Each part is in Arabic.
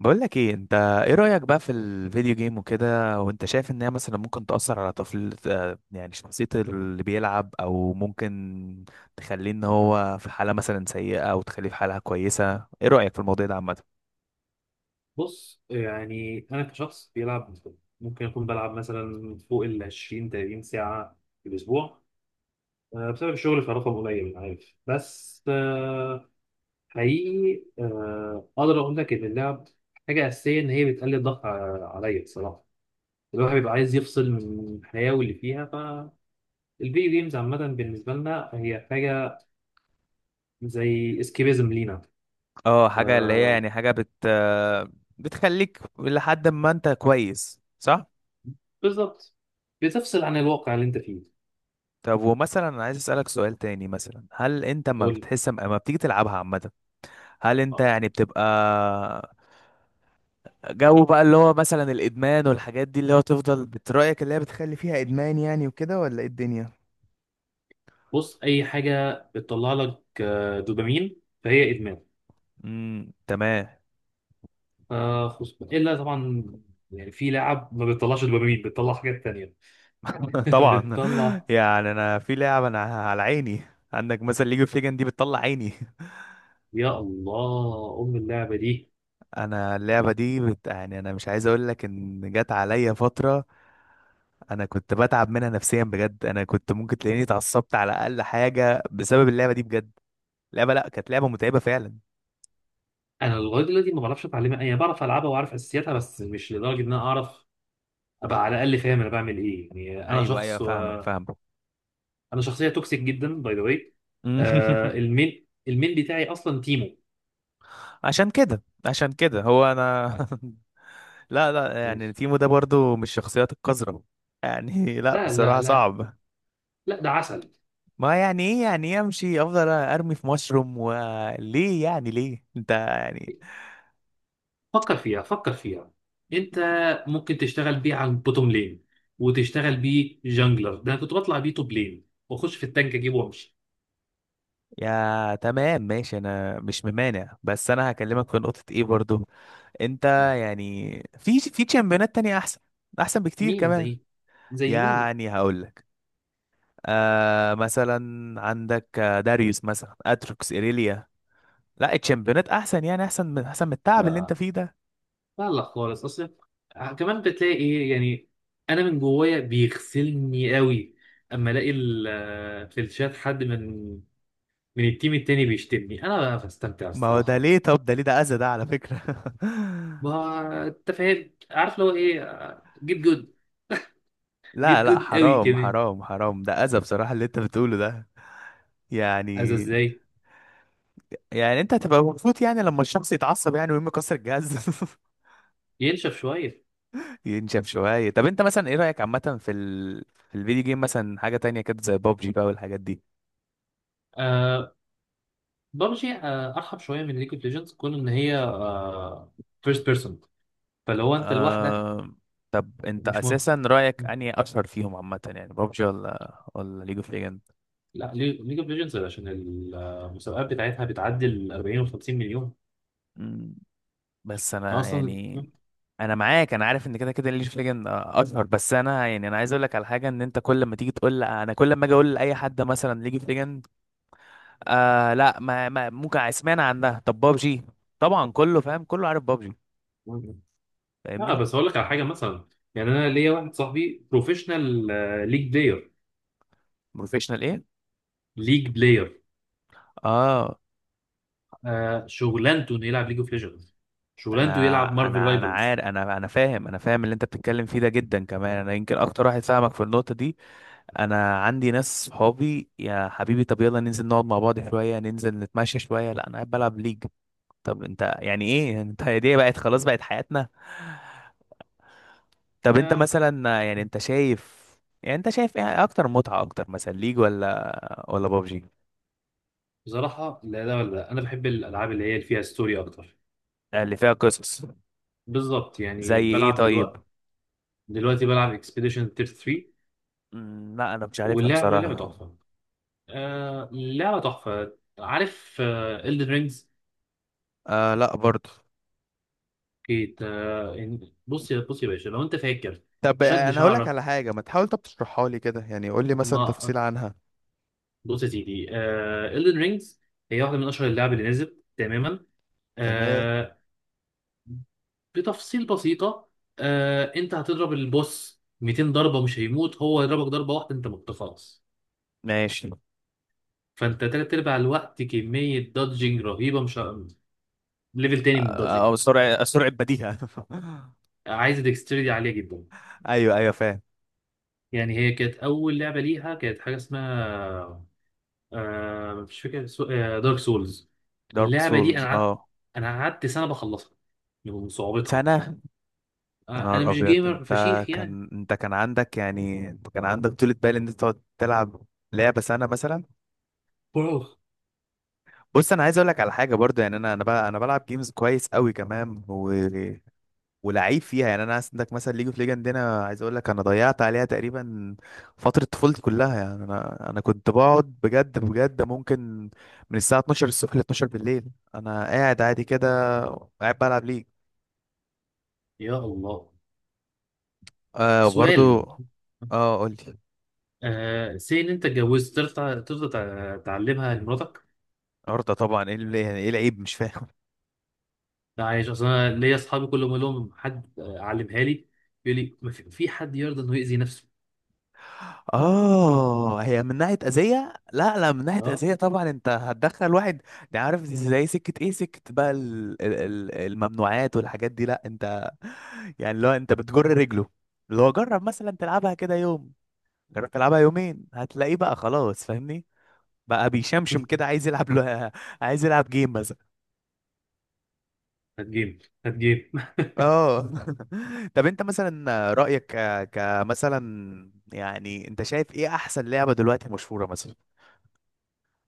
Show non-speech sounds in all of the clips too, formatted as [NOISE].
بقول لك ايه انت؟ ايه رأيك بقى في الفيديو جيم وكده؟ وانت شايف ان هي مثلا ممكن تأثر على طفل، يعني شخصية اللي بيلعب، او ممكن تخليه ان هو في حالة مثلا سيئة او تخليه في حالة كويسة؟ ايه رأيك في الموضوع ده عامة؟ بص يعني انا كشخص بيلعب، ممكن اكون بلعب مثلا فوق ال 20 30 ساعة في الاسبوع، بسبب الشغل. فرقم قليل انا عارف، بس حقيقي اقدر اقول لك ان اللعب حاجه اساسيه. ان هي بتقلل الضغط عليا بصراحه. الواحد بيبقى عايز يفصل من الحياه واللي فيها. فالفيديو جيمز عامه بالنسبه لنا هي حاجه زي اسكيبيزم لينا. اه حاجة اللي هي آه، يعني حاجة بت آه، بتخليك لحد ما انت كويس، صح؟ بالظبط، بتفصل عن الواقع اللي انت فيه. طب ومثلا انا عايز اسألك سؤال تاني، مثلا هل انت ما بتحس اما بتيجي تلعبها عامة، هل انت قول. يعني بتبقى جو بقى اللي هو مثلا الادمان والحاجات دي؟ اللي هو تفضل، رأيك اللي هي بتخلي فيها ادمان يعني وكده ولا ايه الدنيا؟ بص، اي حاجه بتطلع لك دوبامين فهي ادمان. تمام. آه، خصوصا الا طبعا. يعني في لعب ما بتطلعش دوبامين، بتطلع حاجات تانية. [LAUGHS] [LAUGHS] طبعا. بتطلع. يعني انا في لعبه انا على عيني، عندك مثلا ليج اوف ليجند دي بتطلع عيني. [LAUGHS] يا الله ام اللعبه دي. انا اللعبه دي يعني انا مش عايز اقول لك ان جت عليا فتره انا كنت بتعب منها نفسيا بجد. انا كنت ممكن تلاقيني اتعصبت على اقل حاجه بسبب اللعبه دي بجد. لعبه، لا، كانت لعبه متعبه فعلا. انا لغايه دلوقتي ما بعرفش اتعلمها، انا بعرف العبها واعرف اساسياتها بس مش لدرجه ان انا اعرف ابقى على الاقل فاهم انا بعمل ايه. يعني انا ايوه ايوه، شخص فاهمك فاهمك انا شخصيه توكسيك جدا باي ذا واي. [LAUGHS] المين بتاعي اصلا تيمو. عشان كده عشان كده هو انا. [LAUGHS] لا لا، يعني تيمو ده برضو مش الشخصيات القذرة يعني. [LAUGHS] لا لا لا بصراحة لا. صعب. لا ده عسل. ما يعني ايه؟ يعني ايه امشي افضل ارمي في مشروم؟ وليه يعني؟ ليه انت يعني؟ فكر فيها، فكر فيها. انت ممكن تشتغل بيه على البوتوم لين، وتشتغل بيه جانجلر. ده انا كنت بطلع بيه توب لين واخش في التانك اجيبه وامشي. يا تمام ماشي، انا مش ممانع، بس انا هكلمك في نقطة ايه برضو. انت يعني، في تشامبيونات تانية احسن، احسن بكتير مين كمان. زي؟ زي مين؟ يعني هقول لك، آه مثلا عندك، داريوس مثلا، اتروكس، ايريليا. لا الشامبيونات احسن، يعني احسن من احسن من التعب اللي انت لا، فيه ده. لا لا خالص. اصل كمان بتلاقي ايه يعني؟ انا من جوايا بيغسلني قوي. اما الاقي في الشات حد من من التيم التاني بيشتمني، انا بقى بستمتع ما هو ده الصراحه. ليه؟ طب ده ليه؟ ده اذى ده على فكرة. [LAUGHS] ما انت فاهم، عارف لو ايه؟ جيت جود. لا جيت لا، جود قوي حرام كمان. حرام حرام، ده اذى بصراحة اللي انت بتقوله ده. عايز يعني، ازاي؟ يعني انت هتبقى مبسوط يعني لما الشخص يتعصب يعني ويقوم يكسر الجهاز؟ ينشف شويه. [LAUGHS] ينشف شوية. طب انت مثلا ايه رأيك عامة في في الفيديو جيم مثلا؟ حاجة تانية كده زي بابجي بقى والحاجات دي. آه، ببجي آه ارحب شويه من ليج اوف ليجندز كون ان هي آه فيرست بيرسون، فاللي هو انت لوحدك. آه... طب انت مش مهم. اساسا رأيك انهي اشهر فيهم عامة يعني، بابجي ولا ليج اوف لا، ليج اوف ليجندز عشان المسابقات بتاعتها بتعدي ال 40 و 50 مليون. ليجند؟ بس انا انا اصلا. يعني انا معاك، انا عارف ان كده كده ليج اوف ليجند اشهر، بس انا يعني انا عايز اقول لك على حاجه، ان انت كل ما تيجي تقول، انا كل ما اجي اقول لاي حد مثلا ليج اوف ليجند، آه لا ما ممكن اسمعنا عنها. طب بابجي طبعا كله فاهم كله عارف بابجي، لا فاهمني؟ بس اقول لك على حاجه مثلا. يعني انا ليا واحد صاحبي بروفيشنال ليج بلاير. بروفيشنال ايه؟ ليج بلاير. اه آه، شغلانته انه يلعب ليج اوف ليجندز، شغلانته يلعب انا مارفل انا رايفلز. عارف، انا فاهم، انا فاهم اللي انت بتتكلم فيه ده جدا كمان، انا يمكن اكتر واحد فاهمك في النقطه دي. انا عندي ناس صحابي، يا حبيبي طب يلا ننزل نقعد مع بعض شويه، ننزل نتمشى شويه، لا انا قاعد بلعب ليج. طب انت يعني ايه؟ انت هي دي بقت خلاص بقت حياتنا؟ طب انت مثلا يعني انت شايف، يعني انت شايف ايه اكتر متعة اكتر، مثلا ليج ولا بابجي؟ بصراحة لا ده ولا ده، أنا بحب الألعاب اللي هي اللي فيها ستوري أكتر. اللي فيها قصص؟ بالظبط. يعني زي ايه بلعب طيب؟ دلوقتي، دلوقتي بلعب اكسبيديشن تير 3. مم، لا انا مش عارفها واللعبة لعبة بصراحة. تحفة. آه لعبة تحفة. عارف آه إلدن رينجز؟ آه لا برضه. كيت بص يا باشا لو أنت فاكر. طب شد انا هقول لك شعرك. على حاجه، ما تحاول طب تشرحها لي كده، يعني قول لي مثلا ما تفصيل عنها. بص يا سيدي. آه إلدن رينجز هي واحدة من أشهر اللعب اللي نزلت تماما. تمام. آه، بتفصيل بسيطة. آه، انت هتضرب البوس 200 ضربة مش هيموت، هو يضربك ضربة واحدة انت مت خلاص. ماشي. فانت تلات ارباع الوقت كمية دادجنج رهيبة. مش ه- ليفل تاني من الدادجنج. او سرعة، سرعة بديهة. [LAUGHS] عايز ديكستريتي عالية جدا. ايوه ايوه فاهم. يعني هي كانت أول لعبة ليها كانت حاجة اسمها آه، مش فاكر سو... آه دارك سولز. دارك اللعبة دي أنا سولز، قعدت، اه. أنا قعدت سنة بخلصها من صعوبتها. سنة؟ يا آه، أنا نهار مش ابيض جيمر انت! فشيخ يعني. كان انت كان عندك، يعني انت كان عندك [LAUGHS] طولة بال ان انت تقعد تلعب لعبة سنة مثلا؟ برو. بص انا عايز اقول لك على حاجة برضو، يعني انا انا بقى انا بلعب جيمز كويس قوي كمان و... ولعيب فيها يعني. انا عندك مثلا ليج اوف ليجند هنا، عايز اقول لك انا ضيعت عليها تقريبا فترة طفولتي كلها يعني. انا انا كنت بقعد بجد بجد، ممكن من الساعة 12 الصبح ل 12 بالليل انا قاعد عادي كده قاعد بلعب ليج. يا الله. آه برضو. سؤال. اه قول لي. آه سي ان انت اتجوزت، ترضى؟ ترضى تعلمها لمراتك؟ ارضى طبعا، ايه اللي- يعني ايه العيب مش فاهم؟ لا عايش اصل، انا ليا اصحابي كل ما اقول لهم حد آه، علمها لي، يقول لي ما في في حد يرضى انه يأذي نفسه. اه هي من ناحيه اذيه؟ لا لا، من ناحيه اه. اذيه طبعا، انت هتدخل واحد ده عارف زي سكه ايه، سكه بقى الممنوعات والحاجات دي. لا انت يعني لو انت بتجر رجله اللي هو، جرب مثلا تلعبها كده يوم، جرب تلعبها يومين، هتلاقيه بقى خلاص فاهمني؟ بقى بيشمشم [LAUGHS] كده، عايز يلعب له [LAUGHS] عايز يلعب جيم مثلا. هات جيم، هات جيم. اه. [LAUGHS] طب انت مثلا رأيك، كمثلا يعني انت شايف ايه احسن لعبة دلوقتي مشهورة مثلا؟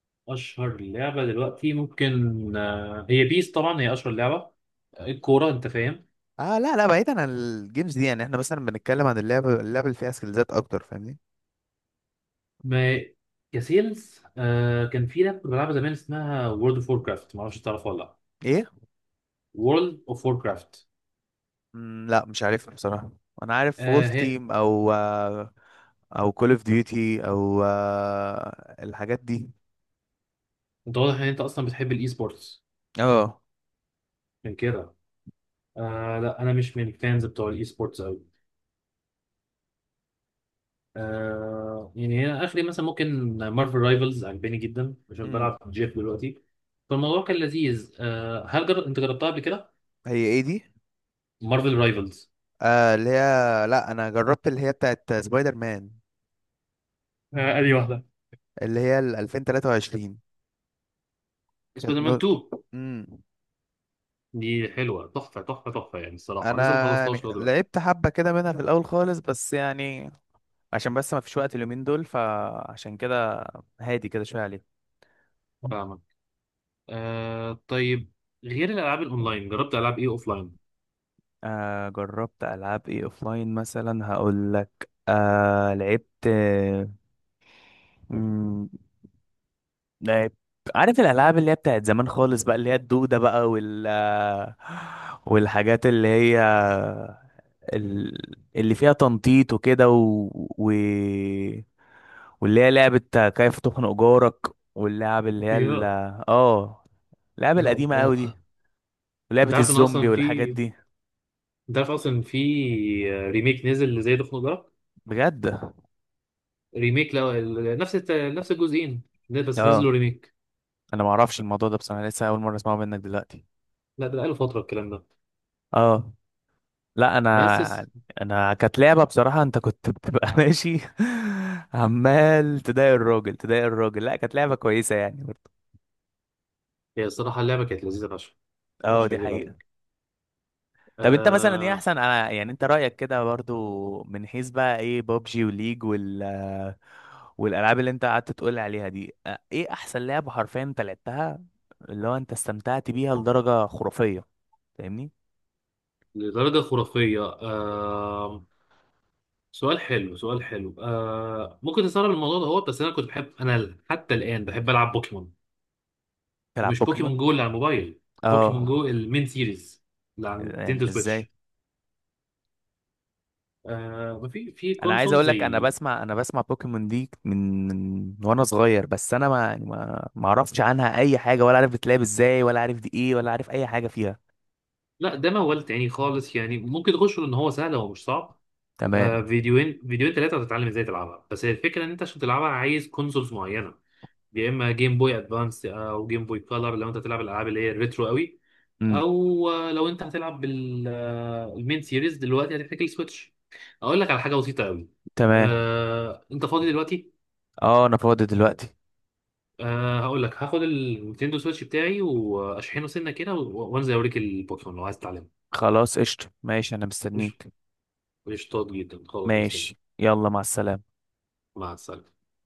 [LAUGHS] اشهر لعبه دلوقتي ممكن آه هي بيس. طبعا هي اشهر لعبه الكوره، انت فاهم. اه لا لا، بعيدا عن الجيمز دي، يعني احنا مثلا بنتكلم عن اللعب اللي فيها سكيلزات اكتر، فاهمني؟ ما كسيلز. آه، كان في لعبه كنت بلعبها زمان اسمها وورلد اوف وور كرافت. ما اعرفش تعرفها ولا لا. ايه؟ وورلد اوف وور كرافت. مم، لا مش عارفها بصراحه. انا عارف آه وولف هي. تيم او او كول اوف ديوتي او الحاجات دي. انت واضح ان انت اصلا بتحب الاي سبورتس اه. من كده. آه لا، انا مش من الفانز بتوع الاي سبورتس قوي. آه يعني هي اخري مثلا ممكن مارفل رايفلز عجباني جدا عشان امم بلعب جيف دلوقتي. فالموضوع كان لذيذ. آه هل انت جربتها قبل كده؟ هي ايه دي؟ مارفل رايفلز. آه اللي هي، لا انا جربت اللي هي بتاعت سبايدر مان آه، ادي واحده. اللي هي ال 2023. كانت سبايدر مان نور. 2 امم. دي حلوه تحفه تحفه تحفه يعني. الصراحه انا لسه ما خلصتهاش يعني لغايه دلوقتي. لعبت حبه كده منها في الاول خالص، بس يعني عشان بس ما فيش وقت اليومين دول، فعشان كده هادي كده شويه عليه. فاهمك. آه طيب، غير الالعاب الاونلاين جربت العاب ايه اوفلاين؟ آه جربت العاب ايه اوفلاين مثلا، هقول لك آه لعبت، مم، لعبت، عارف الالعاب اللي هي بتاعت زمان خالص بقى، اللي هي الدوده بقى، وال والحاجات اللي هي اللي فيها تنطيط وكده و... و... واللي هي لعبة كيف تخنق جارك، واللعب اللي هي يا ال... اه اللعبة يا القديمة الله. قوي دي ولعبة انت عارف ان الزومبي اصلا والحاجات في، دي. انت عارف اصلا في ريميك نزل لزي ده؟ في بجد؟ ريميك لو ال- نفس الت- نفس الجزئين. لا، بس اه نزلوا ريميك. انا ما اعرفش الموضوع ده بصراحه، لسه اول مره اسمعه منك دلوقتي. لا ده بقاله فترة الكلام ده. اه لا بس انا، الس- انا كانت لعبه بصراحه، انت كنت بتبقى [LAUGHS] ماشي عمال تضايق الراجل تضايق الراجل. لا كانت لعبه كويسه يعني برضه. هي الصراحة اللعبة كانت لذيذة فشخ. اه مش دي هكذب حقيقه. عليك. طب انت مثلا ايه آه احسن، أنا يعني انت رايك كده برضو من حيث بقى ايه، بابجي وليج وال والالعاب اللي انت قعدت تقول عليها دي، ايه احسن لعبه حرفيا انت لعبتها اللي هو انت استمتعت بيها لدرجه خرافيه؟ فاهمني؟ لدرجة خرافية. آه، سؤال حلو، سؤال حلو. آه، ممكن تستغرب الموضوع ده، هو بس أنا كنت بحب، أنا حتى الآن بحب ألعب بوكيمون. تلعب ومش بوكيمون جو بوكيمون؟ اللي على الموبايل، بوكيمون اه جو المين سيريز اللي على يعني نينتندو ازاي؟ سويتش. آه، ما في في انا عايز كونسول اقول لك، انا زي. بسمع، انا بسمع بوكيمون دي من وانا صغير، بس انا ما يعني ما اعرفش عنها اي حاجه، ولا عارف بتلعب ازاي، ولا عارف دي ايه، ولا عارف اي حاجه فيها. لا ده موال تاني خالص، يعني ممكن تخش ان هو سهل، هو مش صعب. تمام. فيديوين 3 هتتعلم ازاي تلعبها. بس هي الفكرة ان انت عشان تلعبها عايز كونسولز معينة. يا اما جيم بوي ادفانس او جيم بوي كولر لو انت هتلعب الالعاب اللي هي الريترو قوي، امم او لو انت هتلعب بالمين سيريز دلوقتي هتحتاج السويتش. اقول لك على حاجة بسيطة قوي. تمام. انت فاضي دلوقتي؟ اه انا فاضي دلوقتي. هقول لك، هاخد النينتندو سويتش بتاعي واشحنه سنة كده وانزل اوريك البوكيمون لو عايز تتعلمه. خلاص قشطه ماشي، انا مستنيك. قشطات جدا، خلاص مستني. ماشي يلا، مع السلامه. مع السلامة.